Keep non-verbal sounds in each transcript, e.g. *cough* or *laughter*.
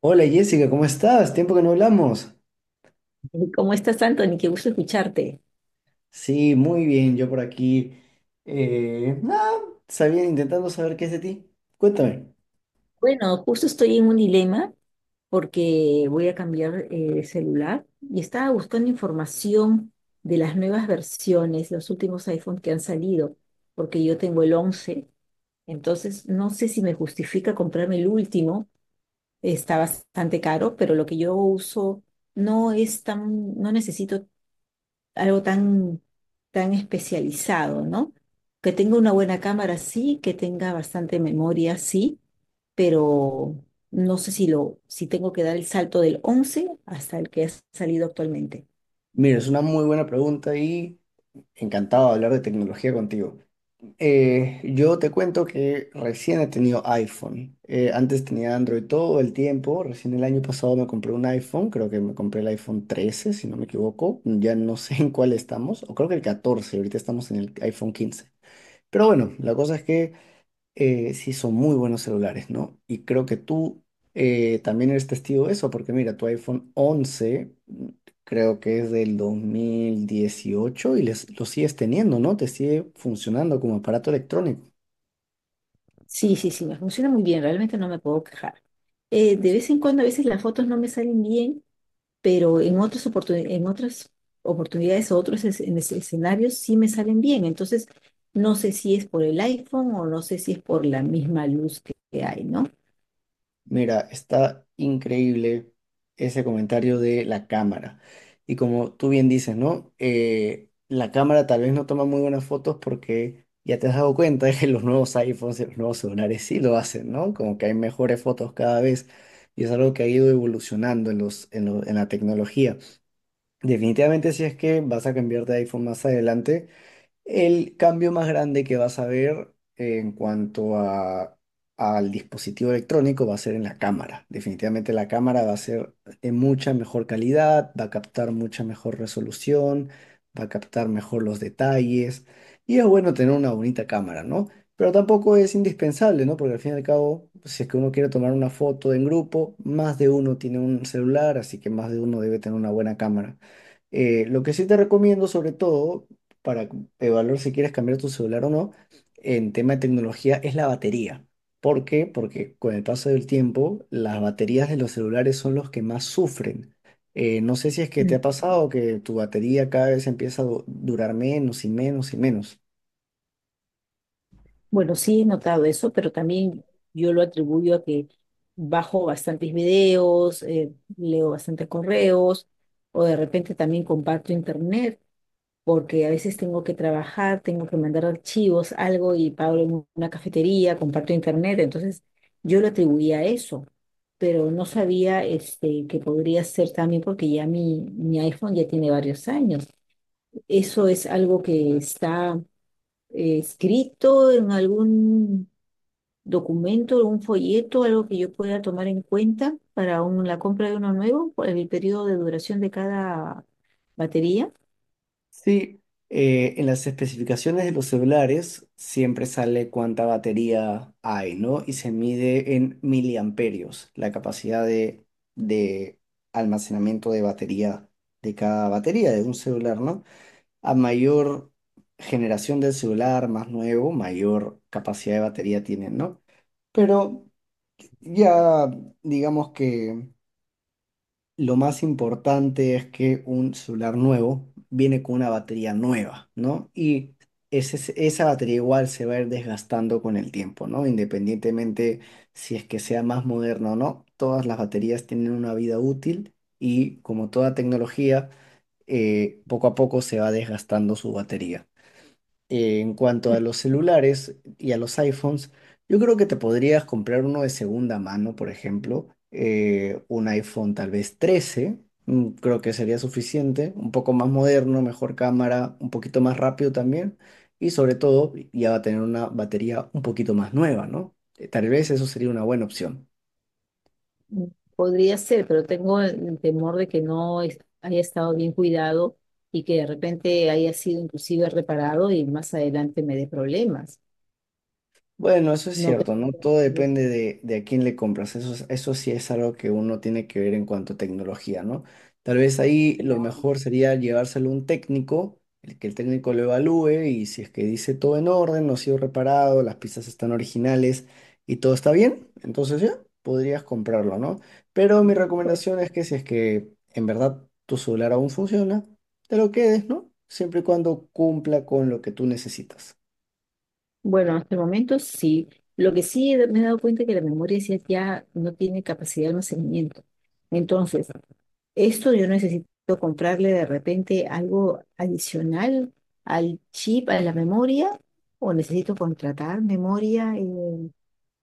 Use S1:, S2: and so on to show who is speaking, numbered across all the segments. S1: Hola Jessica, ¿cómo estás? Tiempo que no hablamos.
S2: ¿Cómo estás, Anthony? Qué gusto escucharte.
S1: Sí, muy bien, yo por aquí. Nada, sabía intentando saber qué es de ti. Cuéntame.
S2: Bueno, justo estoy en un dilema porque voy a cambiar de celular y estaba buscando información de las nuevas versiones, los últimos iPhone que han salido, porque yo tengo el once. Entonces no sé si me justifica comprarme el último. Está bastante caro, pero lo que yo uso no es tan, no necesito algo tan, tan especializado, ¿no? Que tenga una buena cámara, sí, que tenga bastante memoria, sí, pero no sé si lo, si tengo que dar el salto del once hasta el que ha salido actualmente.
S1: Mira, es una muy buena pregunta y encantado de hablar de tecnología contigo. Yo te cuento que recién he tenido iPhone. Antes tenía Android todo el tiempo. Recién el año pasado me compré un iPhone. Creo que me compré el iPhone 13, si no me equivoco. Ya no *laughs* sé en cuál estamos. O creo que el 14. Ahorita estamos en el iPhone 15. Pero bueno, la cosa es que sí son muy buenos celulares, ¿no? Y creo que tú también eres testigo de eso, porque mira, tu iPhone 11, mm, creo que es del 2018 y lo sigues teniendo, ¿no? Te sigue funcionando como aparato electrónico.
S2: Sí, sí, sí, me funciona muy bien, realmente no me puedo quejar. De vez en cuando, a veces las fotos no me salen bien, pero en otras oportunidades, o otros escenarios sí me salen bien. Entonces, no sé si es por el iPhone o no sé si es por la misma luz que hay, ¿no?
S1: Mira, está increíble ese comentario de la cámara. Y como tú bien dices, ¿no? La cámara tal vez no toma muy buenas fotos porque ya te has dado cuenta *laughs* que los nuevos iPhones y los nuevos celulares sí lo hacen, ¿no? Como que hay mejores fotos cada vez y es algo que ha ido evolucionando en en la tecnología. Definitivamente si es que vas a cambiar de iPhone más adelante. El cambio más grande que vas a ver en al dispositivo electrónico va a ser en la cámara. Definitivamente la cámara va a ser de mucha mejor calidad, va a captar mucha mejor resolución, va a captar mejor los detalles y es bueno tener una bonita cámara, ¿no? Pero tampoco es indispensable, ¿no? Porque al fin y al cabo, si es que uno quiere tomar una foto en grupo, más de uno tiene un celular, así que más de uno debe tener una buena cámara. Lo que sí te recomiendo, sobre todo, para evaluar si quieres cambiar tu celular o no, en tema de tecnología, es la batería. ¿Por qué? Porque con el paso del tiempo, las baterías de los celulares son los que más sufren. No sé si es que te ha
S2: Mm.
S1: pasado que tu batería cada vez empieza a durar menos y menos y menos.
S2: Bueno, sí he notado eso, pero también yo lo atribuyo a que bajo bastantes videos, leo bastantes correos, o de repente también comparto internet. Porque a veces tengo que trabajar, tengo que mandar archivos, algo y pago en una cafetería, comparto internet, entonces yo lo atribuía a eso, pero no sabía este, que podría ser también porque ya mi iPhone ya tiene varios años. Eso es algo que está escrito en algún documento, un folleto, algo que yo pueda tomar en cuenta para la compra de uno nuevo, por el periodo de duración de cada batería.
S1: Sí, en las especificaciones de los celulares siempre sale cuánta batería hay, ¿no? Y se mide en miliamperios la capacidad de almacenamiento de batería de cada batería de un celular, ¿no? A mayor generación del celular, más nuevo, mayor capacidad de batería tienen, ¿no? Pero ya digamos que lo más importante es que un celular nuevo viene con una batería nueva, ¿no? Y esa batería igual se va a ir desgastando con el tiempo, ¿no? Independientemente si es que sea más moderno o no, todas las baterías tienen una vida útil y como toda tecnología, poco a poco se va desgastando su batería. En cuanto a los celulares y a los iPhones, yo creo que te podrías comprar uno de segunda mano, por ejemplo, un iPhone tal vez 13, mm, creo que sería suficiente, un poco más moderno, mejor cámara, un poquito más rápido también, y sobre todo ya va a tener una batería un poquito más nueva, ¿no? Tal vez eso sería una buena opción.
S2: Mm, podría ser, pero tengo el temor de que no es- haya estado bien cuidado y que de repente haya sido inclusive reparado y más adelante me dé problemas.
S1: Bueno, eso es
S2: No creo
S1: cierto, ¿no?
S2: que
S1: Todo
S2: sea eso.
S1: depende de a quién le compras. Eso sí es algo que uno tiene que ver en cuanto a tecnología, ¿no? Tal vez ahí lo
S2: Claro.
S1: mejor sería llevárselo a un técnico, el que el técnico lo evalúe y si es que dice todo en orden, no ha sido reparado, las piezas están originales y todo está bien, entonces ya podrías comprarlo, ¿no? Pero mi
S2: ¿No? Pues,
S1: recomendación es que si es que en verdad tu celular aún funciona, te lo quedes, ¿no? Siempre y cuando cumpla con lo que tú necesitas.
S2: bueno, hasta el momento sí. Lo que sí me he dado cuenta es que la memoria sí ya no tiene capacidad de almacenamiento. Entonces, esto yo necesito comprarle de repente algo adicional al chip, a la memoria, o necesito contratar memoria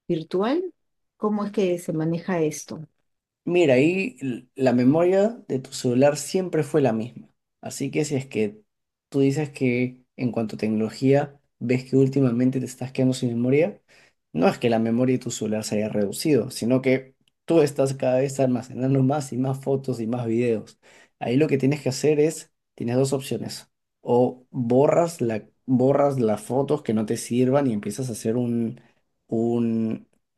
S2: virtual. ¿Cómo es que se maneja esto?
S1: Mira, ahí la memoria de tu celular siempre fue la misma. Así que si es que tú dices que en cuanto a tecnología ves que últimamente te estás quedando sin memoria, no es que la memoria de tu celular se haya reducido, sino que tú estás cada vez almacenando más y más fotos y más videos. Ahí lo que tienes que hacer es, tienes dos opciones. O borras las fotos que no te sirvan y empiezas a hacer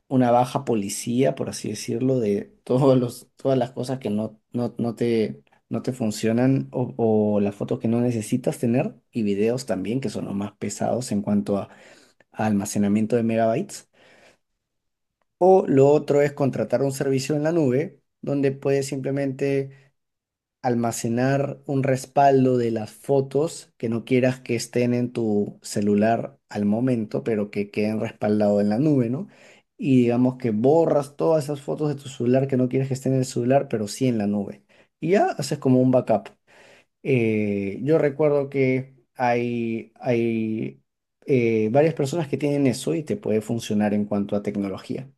S1: una baja policía, por así decirlo, de todas las cosas que no te, no te funcionan o las fotos que no necesitas tener y videos también, que son los más pesados en a almacenamiento de megabytes. O lo otro es contratar un servicio en la nube donde puedes simplemente almacenar un respaldo de las fotos que no quieras que estén en tu celular al momento, pero que queden respaldados en la nube, ¿no? Y digamos que borras todas esas fotos de tu celular que no quieres que estén en el celular, pero sí en la nube. Y ya haces como un backup. Yo recuerdo que hay varias personas que tienen eso y te puede funcionar en cuanto a tecnología.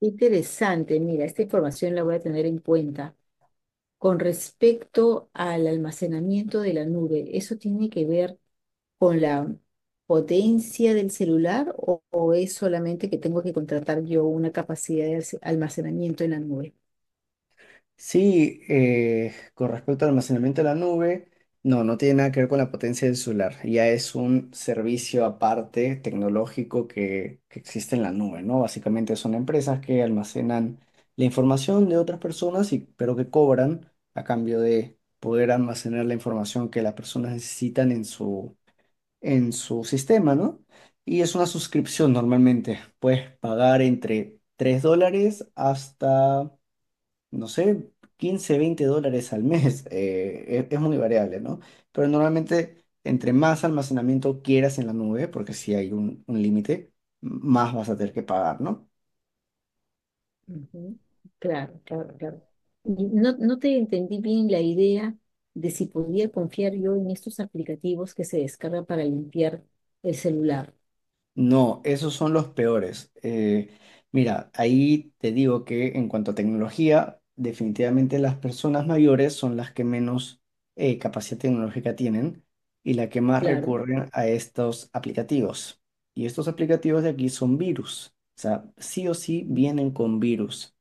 S2: Interesante, mira, esta información la voy a tener en cuenta. Con respecto al almacenamiento de la nube, ¿eso tiene que ver con la potencia del celular o es solamente que tengo que contratar yo una capacidad de almacenamiento en la nube?
S1: Sí, con respecto al almacenamiento de la nube, no tiene nada que ver con la potencia del solar. Ya es un servicio aparte tecnológico que existe en la nube, ¿no? Básicamente son empresas que almacenan la información de otras personas, y, pero que cobran a cambio de poder almacenar la información que las personas necesitan en su sistema, ¿no? Y es una suscripción normalmente. Puedes pagar entre $3 hasta no sé, 15, 20 dólares al mes. Es muy variable, ¿no? Pero normalmente, entre más almacenamiento quieras en la nube, porque si hay un límite, más vas a tener que pagar, ¿no?
S2: Ujú. Claro, claro, claro. Y no, no te entendí bien la idea de si podía confiar yo en estos aplicativos que se descargan para limpiar el celular.
S1: No, esos son los peores. Mira, ahí te digo que en cuanto a tecnología, definitivamente las personas mayores son las que menos capacidad tecnológica tienen y las que más
S2: Claro,
S1: recurren a estos aplicativos. Y estos aplicativos de aquí son virus. O sea, sí o sí vienen con virus.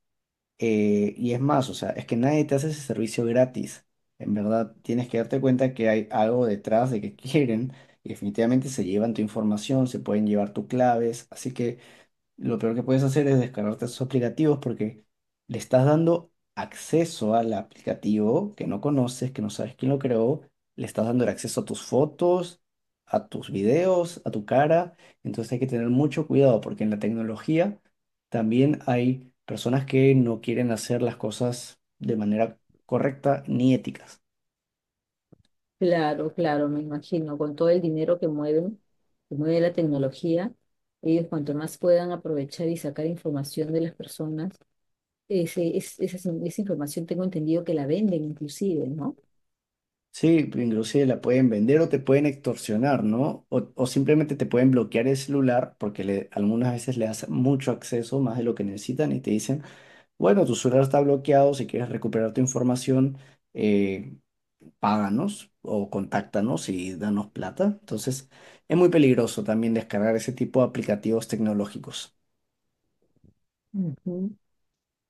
S1: Y es más, o sea, es que nadie te hace ese servicio gratis. En verdad, tienes que darte cuenta que hay algo detrás de que quieren y definitivamente se llevan tu información, se pueden llevar tus claves. Así que lo peor que puedes hacer es descargarte esos aplicativos porque le estás dando acceso al aplicativo que no conoces, que no sabes quién lo creó, le estás dando el acceso a tus fotos, a tus videos, a tu cara. Entonces hay que tener mucho cuidado porque en la tecnología también hay personas que no quieren hacer las cosas de manera correcta ni éticas.
S2: claro, claro, me imagino, con todo el dinero que mueven, que mueve la tecnología, ellos cuanto más puedan aprovechar y sacar información de las personas, ese, esa, esa información tengo entendido que la venden inclusive, ¿no?
S1: Sí, pues, inclusive la pueden vender o te pueden extorsionar, ¿no? O simplemente te pueden bloquear el celular porque algunas veces le das mucho acceso, más de lo que necesitan, y te dicen, bueno, tu celular está bloqueado, si quieres recuperar tu información, eh, páganos o contáctanos y danos plata. Entonces, es muy peligroso también descargar ese tipo de aplicativos tecnológicos.
S2: Ujú.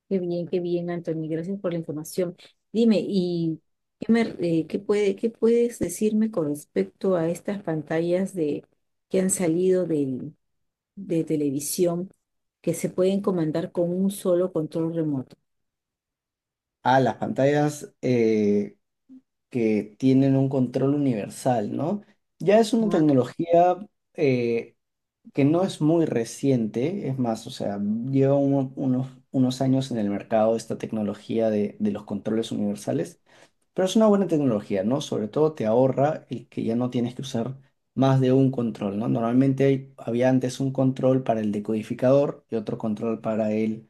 S2: Qué bien, Anthony, gracias por la información. Dime, ¿y qué puedes decirme con respecto a estas pantallas de, que han salido de televisión que se pueden comandar con un solo control remoto?
S1: Ah, las pantallas que tienen un control universal, ¿no? Ya es una
S2: Ah,
S1: tecnología... eh, que no es muy reciente, es más, o sea, lleva unos años en el mercado esta tecnología de los controles universales, pero es una buena tecnología, ¿no? Sobre todo te ahorra el que ya no tienes que usar más de un control, ¿no? Normalmente había antes un control para el decodificador y otro control para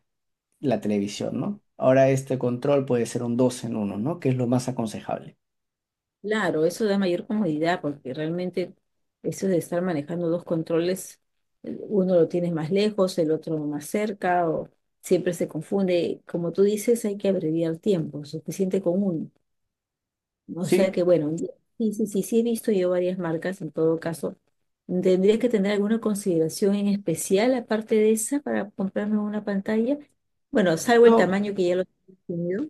S1: la televisión, ¿no? Ahora este control puede ser un 2 en uno, ¿no? Que es lo más aconsejable.
S2: claro, eso da mayor comodidad porque realmente eso de estar manejando dos controles, uno lo tienes más lejos, el otro más cerca, o siempre se confunde. Como tú dices, hay que abreviar tiempo, suficiente con uno. O sea
S1: Sí,
S2: que bueno, sí, sí, sí, sí he visto yo varias marcas en todo caso. ¿Tendría que tener alguna consideración en especial aparte de esa para comprarme una pantalla? Bueno, salvo el
S1: no,
S2: tamaño que ya lo he tenido.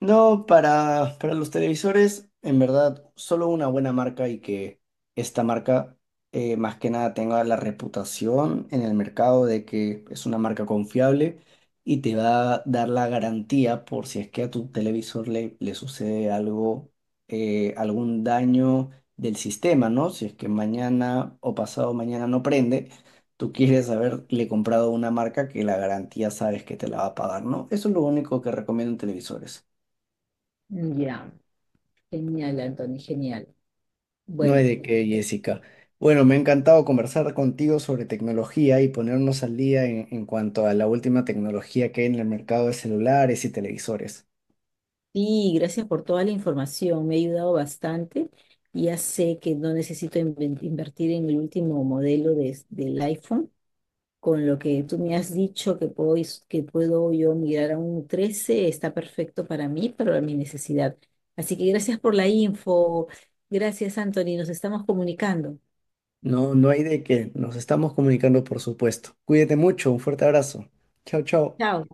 S1: no, para los televisores, en verdad, solo una buena marca y que esta marca más que nada tenga la reputación en el mercado de que es una marca confiable y te va a dar la garantía por si es que a tu televisor le sucede algo, algún daño del sistema, ¿no? Si es que mañana o pasado mañana no prende, tú quieres haberle comprado una marca que la garantía sabes que te la va a pagar, ¿no? Eso es lo único que recomiendo en televisores.
S2: Ya, genial, Anthony, genial.
S1: No hay
S2: Bueno.
S1: de qué, Jessica. Bueno, me ha encantado conversar contigo sobre tecnología y ponernos al día en cuanto a la última tecnología que hay en el mercado de celulares y televisores.
S2: Sí, gracias por toda la información, me ha ayudado bastante. Ya sé que no necesito invertir en el último modelo del iPhone. Con lo que tú me has dicho que que puedo yo migrar a un 13, está perfecto para mí, para mi necesidad. Así que gracias por la info. Gracias, Anthony. Nos estamos comunicando.
S1: No, no hay de qué. Nos estamos comunicando, por supuesto. Cuídate mucho. Un fuerte abrazo. Chao, chao.
S2: Chao.